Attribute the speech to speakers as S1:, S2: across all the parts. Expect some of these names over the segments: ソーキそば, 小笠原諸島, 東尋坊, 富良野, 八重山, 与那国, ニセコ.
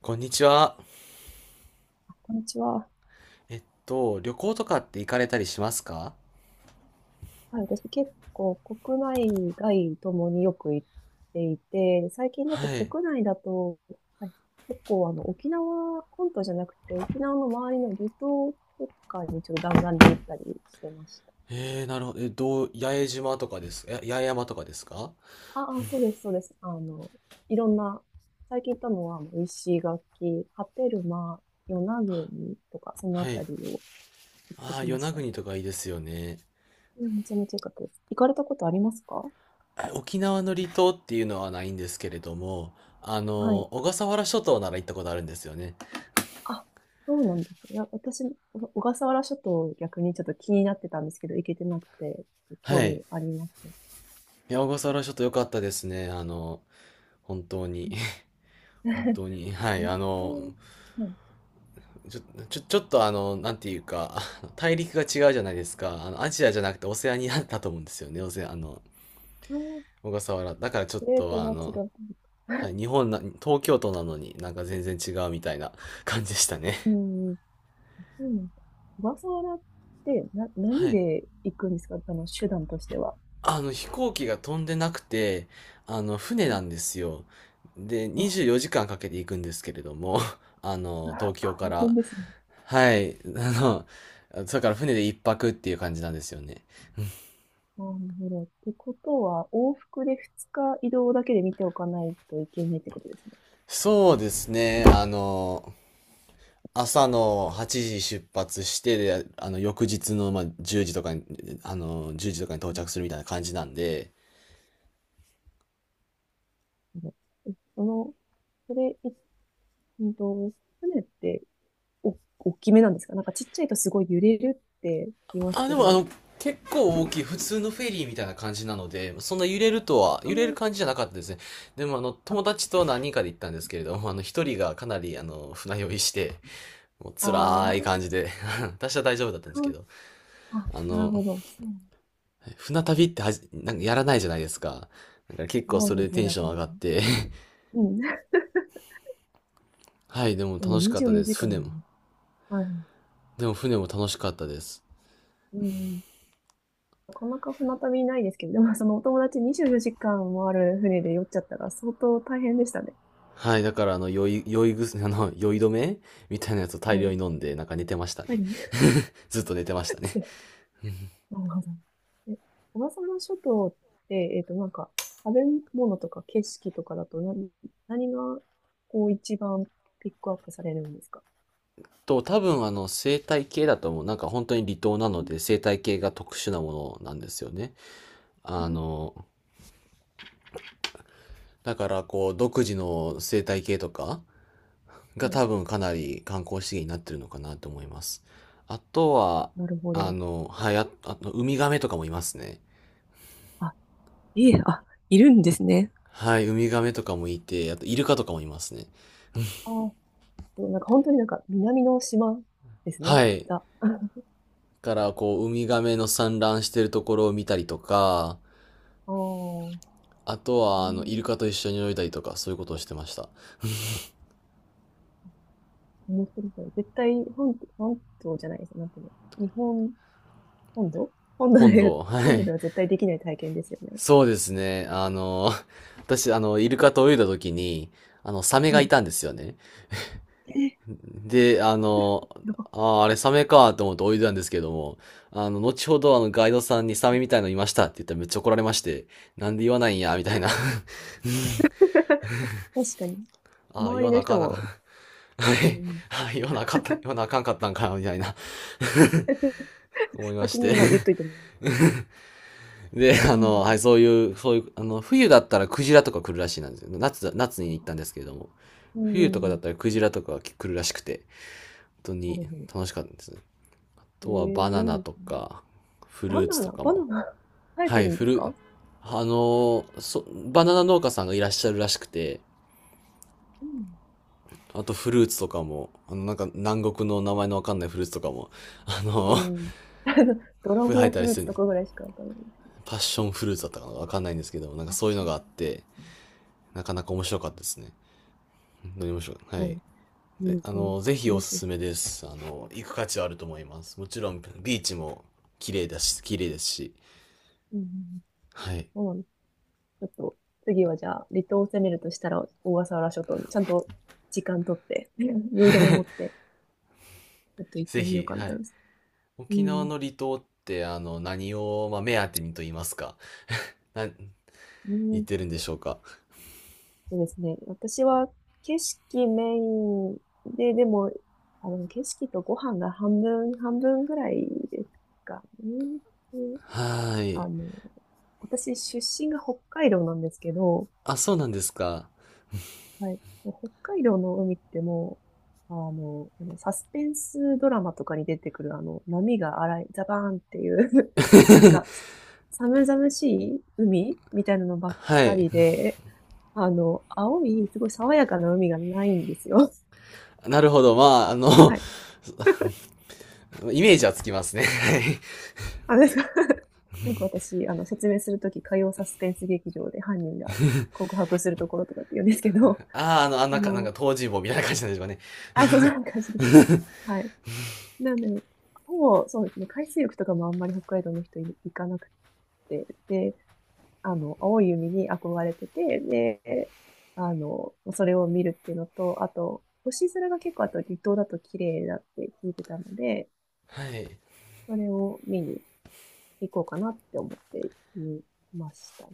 S1: こんにちは。
S2: こんにちは。
S1: 旅行とかって行かれたりしますか？
S2: はい、私結構国内外ともによく行っていて、最近だと
S1: はい。
S2: 国内だと、はい、結構沖縄本島じゃなくて沖縄の周りの離島とかにちょっと弾丸で行ったりしてました。
S1: なるほど。え、どう、八重島とかですか。八重山とかですか？
S2: ああ、そうです、そうです。あの、いろんな、最近行ったのは石垣、波照間、与那国とかそのあ
S1: はい。
S2: たりを行って
S1: ああ、
S2: き
S1: 与
S2: ま
S1: 那
S2: した。
S1: 国とかいいですよね。
S2: いや、めちゃめちゃ良かったです。行かれたことありますか？
S1: あ、沖縄の離島っていうのはないんですけれども、
S2: はい。
S1: 小笠原諸島なら行ったことあるんですよね。
S2: あ、そうなんですね。いや、私、お小笠原諸島逆にちょっと気になってたんですけど、行けてなくて、興
S1: はい。
S2: 味
S1: い
S2: あります。
S1: や、小笠原諸島良かったですね。本当に。
S2: うん。
S1: 本当 に。はい。
S2: 温はい。
S1: ちょ、ちょっとなんていうか、大陸が違うじゃないですか。アジアじゃなくてオセアニアだと思うんですよね。オセア、あの、
S2: あー、
S1: 小笠原。だからちょっ
S2: プレート
S1: と
S2: が違う。
S1: はい、日本な、東京都なのになんか全然違うみたいな 感じでしたね。
S2: うん。そうなんです。小笠原ってな、
S1: は
S2: 何
S1: い。
S2: で行くんですか？手段としては。
S1: 飛行機が飛んでなくて、船
S2: う
S1: なんですよ。で、
S2: わ
S1: 24時間かけて行くんですけれども、あの、
S2: あ、
S1: 東京か
S2: 大変
S1: ら。
S2: ですね。
S1: はい。だから船で一泊っていう感じなんですよね。
S2: なるほど。ってことは、往復で2日移動だけで見ておかないといけないってことですね。
S1: そうですね。朝の8時出発して、で、翌日の、まあ、10時とかに、到着するみたいな感じなんで、
S2: なるほど。え、それうんと、船って大きめなんですか？なんかちっちゃいとすごい揺れるって言います
S1: あ、で
S2: け
S1: も、
S2: ど。
S1: 結構大きい、普通のフェリーみたいな感じなので、そんな揺れるとは、
S2: あ
S1: 揺れる
S2: ー、
S1: 感じじゃなかったですね。でも、
S2: あ、
S1: 友達と何人かで行ったんですけれども、一人がかなり、船酔いして、もう
S2: あ
S1: 辛い感
S2: ー、
S1: じで、私は大丈夫だったんで
S2: か
S1: す
S2: わ
S1: け
S2: いい。
S1: ど、
S2: あ、
S1: あ
S2: なる
S1: の、
S2: ほど。そう。
S1: 船旅ってはじ、なんかやらないじゃないですか。だから結構
S2: そう
S1: そ
S2: で
S1: れで
S2: す
S1: テ
S2: ね、
S1: ン
S2: な
S1: ショ
S2: か
S1: ン上
S2: な
S1: がっ
S2: か。
S1: て、
S2: うん。
S1: はい、でも
S2: でも
S1: 楽しかっ
S2: 24
S1: たで
S2: 時
S1: す。
S2: 間
S1: 船も。
S2: ね。はい。
S1: でも船も楽しかったです。
S2: うん。なかなか船旅ないですけど、でもそのお友達24時間もある船で酔っちゃったら相当大変でしたね。
S1: はい、だからあの、酔い、酔いぐす、あの、酔い止めみたいなやつを大
S2: は
S1: 量
S2: い。
S1: に飲んで、なんか寝てましたね。
S2: 大変です。
S1: ずっと寝てましたね。
S2: なるほど。え、小笠原諸島って、食べ物とか景色とかだと何が、こう、一番ピックアップされるんですか？
S1: 多分生態系だと思う。なんか本当に離島な
S2: う
S1: の
S2: ん
S1: で、生態系が特殊なものなんですよね。
S2: う
S1: あ
S2: ん、
S1: の、だからこう、独自の生態系とか
S2: は
S1: が
S2: い。
S1: 多分かなり観光資源になってるのかなと思います。あとは、
S2: なるほど。
S1: はい、ああと、ウミガメとかもいますね。
S2: あ、いえ、あ、いるんですね。
S1: はい、ウミガメとかもいて、あと、イルカとかもいますね。
S2: あ、そう、なんか本当になんか南の島ですね。
S1: はい。
S2: ザ。あ
S1: からこうウミガメの産卵してるところを見たりとか、
S2: あ、う
S1: あとはあのイル
S2: ん、
S1: カと一緒に泳いだりとかそういうことをしてました。
S2: 面白い。絶対本島じゃないです。なんていうの。本土、本土で、
S1: は
S2: 本土
S1: い。
S2: では絶対できない体験ですよね。
S1: そうですね。私あのイルカと泳いだ時に、あのサメが
S2: は
S1: い
S2: い。
S1: たんですよね。
S2: え、
S1: で、あ
S2: や
S1: の、
S2: っ、
S1: あーあれサメかと思って泳いでたんですけども、後ほどあのガイドさんにサ
S2: う
S1: メ
S2: ん。
S1: みたいのいましたって言ったらめっちゃ怒られまして、なんで言わないんや、みたいな。
S2: 確かに。
S1: ああ、
S2: 周
S1: 言
S2: り
S1: わな
S2: の
S1: あか
S2: 人
S1: んなあかん。
S2: も、
S1: は
S2: う
S1: い。
S2: ん、
S1: はい。言わなあかんかったんかな、みたいな 思 いま
S2: 先
S1: し
S2: に
S1: て。
S2: まあ言っといてもらえる。
S1: で、はい、そういう、冬だったらクジラとか来るらしいなんですよ。夏に行ったんですけれども。
S2: うん、う
S1: 冬
S2: ん、う
S1: とか
S2: ん
S1: だ
S2: う
S1: っ
S2: ん。
S1: たらクジラとかが来るらしくて、本当
S2: なる
S1: に
S2: ほど。
S1: 楽しかったんです。あ
S2: え、え
S1: とはバナ
S2: いいで
S1: ナ
S2: す
S1: と
S2: ね。
S1: か、フ
S2: バ
S1: ルーツ
S2: ナ
S1: と
S2: ナ、
S1: か
S2: バナ
S1: も。
S2: ナ、生え
S1: は
S2: て
S1: い、
S2: るんで
S1: フ
S2: す
S1: ル、
S2: か？
S1: あの、そ、バナナ農家さんがいらっしゃるらしくて、
S2: うん。
S1: あとフルーツとかも、なんか南国の名前のわかんないフルーツとかも、あ
S2: う
S1: の、
S2: ん。ドラ
S1: 生
S2: ゴ
S1: え
S2: ン
S1: た
S2: フ
S1: り
S2: ルー
S1: す
S2: ツ
S1: るん
S2: と
S1: です。
S2: かぐらいしかわかんないです。
S1: パッションフルーツだったかなわかんないんですけど、なんか
S2: あ、
S1: そういうの
S2: そう。
S1: があっ
S2: す
S1: て、なかなか面白かったですね。本当に面白い。は
S2: ご
S1: い。
S2: い。う
S1: で
S2: ん、うん。
S1: ぜひお
S2: 面
S1: す
S2: 白い。
S1: すめです。行く価値はあると思います。もちろん、ビーチも綺麗だし、綺麗ですし。
S2: うんうんうん、
S1: はい。
S2: そうなんです。ちょっと、次はじゃあ、離島を攻めるとしたら、小笠原諸島にちゃんと時間取って、うん、酔い止め持って、ちょっと行っ
S1: ぜ
S2: てみよう
S1: ひ、
S2: かな
S1: は
S2: と
S1: い。
S2: 思います。う
S1: 沖縄
S2: ん。
S1: の離島って、何を、まあ、目当てにと言いますか。な、
S2: う
S1: 言っ
S2: ん、
S1: てるんでしょうか。
S2: そうですね。私は景色メインで、でも、あ、の景色とご飯が半分、半分ぐらいですかね。で、
S1: はーい。
S2: あの、私出身が北海道なんですけど、
S1: あ、そうなんですか。
S2: はい。もう北海道の海ってもう、あの、あのサスペンスドラマとかに出てくるあの、波が荒い、ザバーンっていう、 なんか、寒々しい海みたいなのばっ
S1: は
S2: か
S1: い。
S2: りで、あの、青い、すごい爽やかな海がないんですよ。
S1: なるほど。まあ、
S2: はい。
S1: イメージはつきますね。はい。
S2: あですか？ よく私、説明するとき、火曜サスペンス劇場で犯人が告白するところとかって言うんですけど、
S1: ああ、あの、あん
S2: あ
S1: なか、なんか、
S2: の、
S1: 東尋坊みたいな感じなんでしょうかね。
S2: あ、そう、そんな感じです。はい。なんで、ほぼ、そうですね、海水浴とかもあんまり北海道の人行かなくて、で、あの、青い海に憧れてて、で、あの、それを見るっていうのと、あと、星空が結構、あと離島だと綺麗だって聞いてたので、
S1: はい。
S2: それを見に行こうかなって思っていましたね。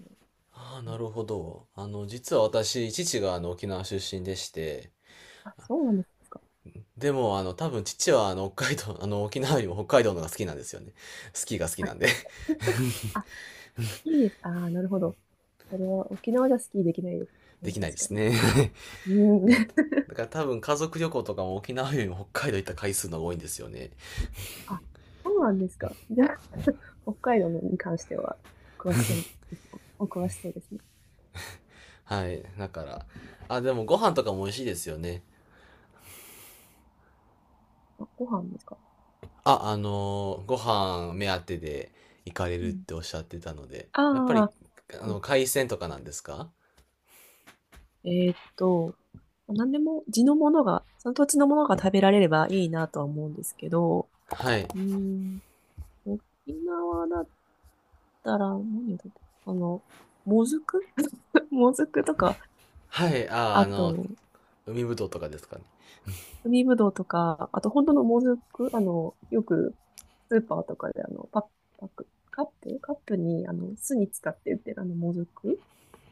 S1: ああ、
S2: う
S1: な
S2: ん、
S1: るほど。実は私、父があの沖縄出身でして、
S2: あ、そうなんですか。
S1: でも、多分父はあの北海道、あの沖縄よりも北海道の方が好きなんですよね。スキーが好き
S2: は
S1: な
S2: い。
S1: んで
S2: あ、いいです。ああ、なるほど。それは沖縄じゃスキーできないですか ら
S1: で
S2: ね。
S1: きないで
S2: 確か
S1: す
S2: に。
S1: ね。
S2: うん。
S1: だから、だから多分家族旅行とかも沖縄よりも北海道行った回数の方が多いんですよね。
S2: あ、そうなんですか。じゃあ、北海道のに関しては、詳しそうですね。お詳しそうですね。
S1: はい。だから、あ、でもご飯とかも美味しいですよね。
S2: あ、ご飯ですか。
S1: あ、あのーご飯目当てで行かれ
S2: う
S1: るっ
S2: ん。
S1: ておっしゃってたので、
S2: あ
S1: やっぱり、
S2: あ、うん、
S1: 海鮮とかなんですか？
S2: えーっと、何でも地のものが、その土地のものが食べられればいいなとは思うんですけど、
S1: はい。
S2: うん、沖縄だたら、何だった、あの、もずく、 もずくとか、
S1: はい。
S2: あと、
S1: 海ぶどうとかですかね。
S2: 海ぶどうとか、あと本当のもずく、よくスーパーとかでパック、カップに、あの、酢に使って売ってるあの、もずく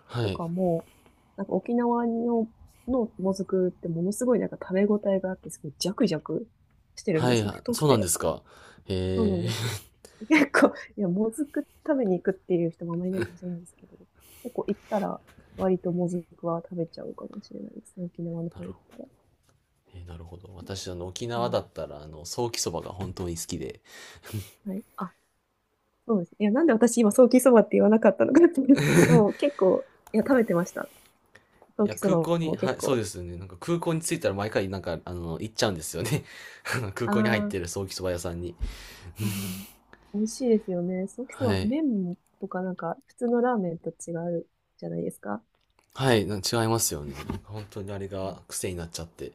S1: は
S2: と
S1: い。
S2: かも、なんか沖縄の、のもずくってものすごいなんか食べ応えがあって、すごいジャクジャクしてるん
S1: は
S2: で
S1: い、
S2: すよ。
S1: あ、
S2: 太く
S1: そうなんで
S2: て。
S1: すか。
S2: そうなん
S1: え
S2: です。
S1: ー、
S2: 結構、いや、もずく食べに行くっていう人もあまりいないかもしれないですけど、結構行ったら、割ともずくは食べちゃうかもしれないですね。沖縄の
S1: な
S2: 方
S1: るほ
S2: 行った
S1: ど。
S2: ら。
S1: えー、なるほど。私、沖
S2: う
S1: 縄だ
S2: ん。
S1: ったら、ソーキそばが本当に好きで。
S2: はい。あ、そうですね。いや、なんで私今、ソーキそばって言わなかったのかっていう。でも結構、いや、食べてました。ソ
S1: い
S2: ー
S1: や、
S2: キそ
S1: 空
S2: ば
S1: 港に、
S2: も
S1: は
S2: 結
S1: い、そう
S2: 構。
S1: ですよね。なんか空港に着いたら毎回、なんか、行っちゃうんですよね。あの空
S2: ああ、
S1: 港に入っ
S2: は
S1: てるソーキそば屋さんに。
S2: いはい。美味しいですよね。ソーキそ
S1: は
S2: ば、
S1: い。
S2: 麺とかなんか、普通のラーメンと違うじゃないですか。
S1: はい、違いますよね。本当にあれ
S2: う
S1: が癖になっちゃって、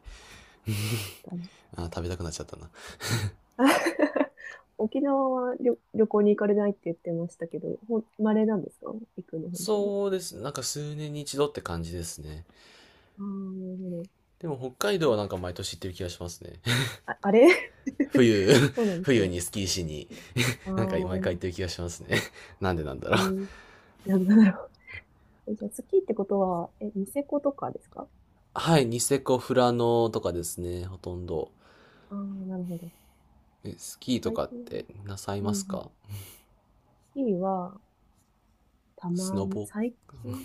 S2: ん。
S1: あー、食べたくなっちゃったな。
S2: 沖縄は旅行に行かれないって言ってましたけど、ほん、稀なんですか？行くの、本当に。
S1: そうです。なんか数年に一度って感じですね。
S2: ああ、なる
S1: でも北海
S2: ほ
S1: 道は
S2: ど。
S1: なんか毎年行ってる気がしますね。
S2: あ、あれ、
S1: 冬、
S2: そうな んです
S1: 冬
S2: ね。
S1: にスキーしに、
S2: ああ、
S1: なんか毎回行
S2: う
S1: ってる気がしますね。なんでなんだろう。
S2: ん、なんだろう。え、じゃあ、スキーってことは、え、ニセコとかですか？
S1: はい、ニセコ、富良野とかですね、ほとんど。
S2: ああー、なるほど。
S1: え、スキーと
S2: 最
S1: かっ
S2: 近、
S1: てなさい
S2: うんう
S1: ます
S2: ん、
S1: か？
S2: スキーは、た
S1: ス
S2: ま
S1: ノ
S2: に、
S1: ボ。
S2: 最近、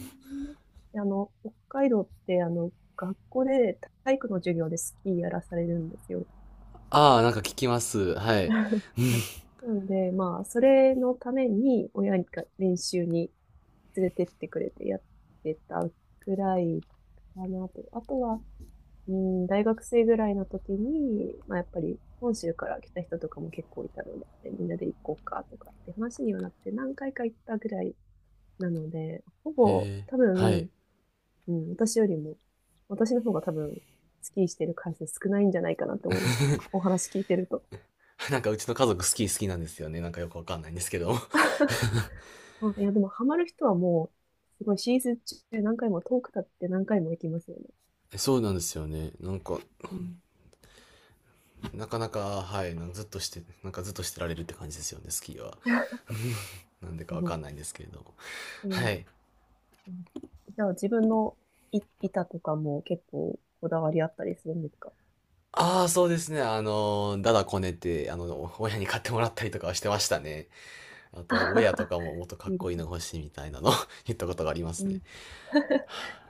S2: 北海道って、学校で体育の授業でスキーやらされるんですよ。
S1: ああ、なんか聞きます。はい。へ
S2: はい。なので、まあ、それのために親が練習に連れてってくれてやってたぐらいかなと。あとは、うん、大学生ぐらいの時に、まあ、やっぱり本州から来た人とかも結構いたので、みんなで行こうかとかって話にはなって何回か行ったぐらいなので、ほぼ
S1: え、
S2: 多
S1: はい。
S2: 分、うん、私よりも、私の方が多分、スキーしてる回数少ないんじゃないかなって思いました。お話聞いてると。
S1: なんかうちの家族スキー好きなんですよね。なんかよくわかんないんですけど。
S2: そういや、でもハマる人はもう、すごいシーズン中何回も遠く経って何回も行きますよね。
S1: え、そうなんですよね。なんか、
S2: うん。
S1: なかなか、はい、なんかずっとしてられるって感じですよね、スキーは。なんでか
S2: す
S1: わ
S2: ご
S1: か
S2: い。
S1: んないんですけれども。
S2: う
S1: は
S2: ん。
S1: い。
S2: うん、じゃあ自分のい板とかも結構こだわりあったりするんですか？
S1: ああ、そうですね。だだこねて、親に買ってもらったりとかはしてましたね。あと、ウェアとか ももっとかっ
S2: いいで
S1: こ
S2: す
S1: いい
S2: ね。
S1: の欲しいみたいなの 言ったことがありま
S2: う
S1: す
S2: ん。
S1: ね。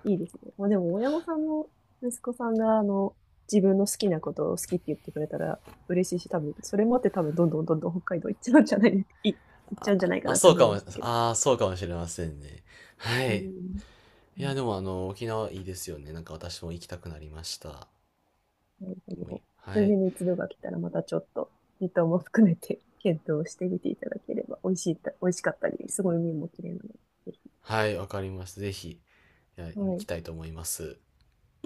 S2: いいですね。まあでも親御さんも息子さんが自分の好きなことを好きって言ってくれたら嬉しいし、多分、それもあって多分どんどん北海道行っちゃうんじゃないか
S1: あ、
S2: なって
S1: そう
S2: 思い
S1: かも、
S2: ましたけど。
S1: ああ、そうかもしれませんね。は
S2: う
S1: い。
S2: ん。
S1: いや、でもあの、沖縄いいですよね。なんか私も行きたくなりました。
S2: なるほ
S1: もうい
S2: ど。
S1: は
S2: 数
S1: い。
S2: 年に一度が来たらまたちょっと時短も含めて検討してみていただければ、美味しかったり、すごい海も綺麗なので、ぜひ。
S1: はい、わかります。ぜひ、いや、行
S2: は
S1: き
S2: い。
S1: たいと思います。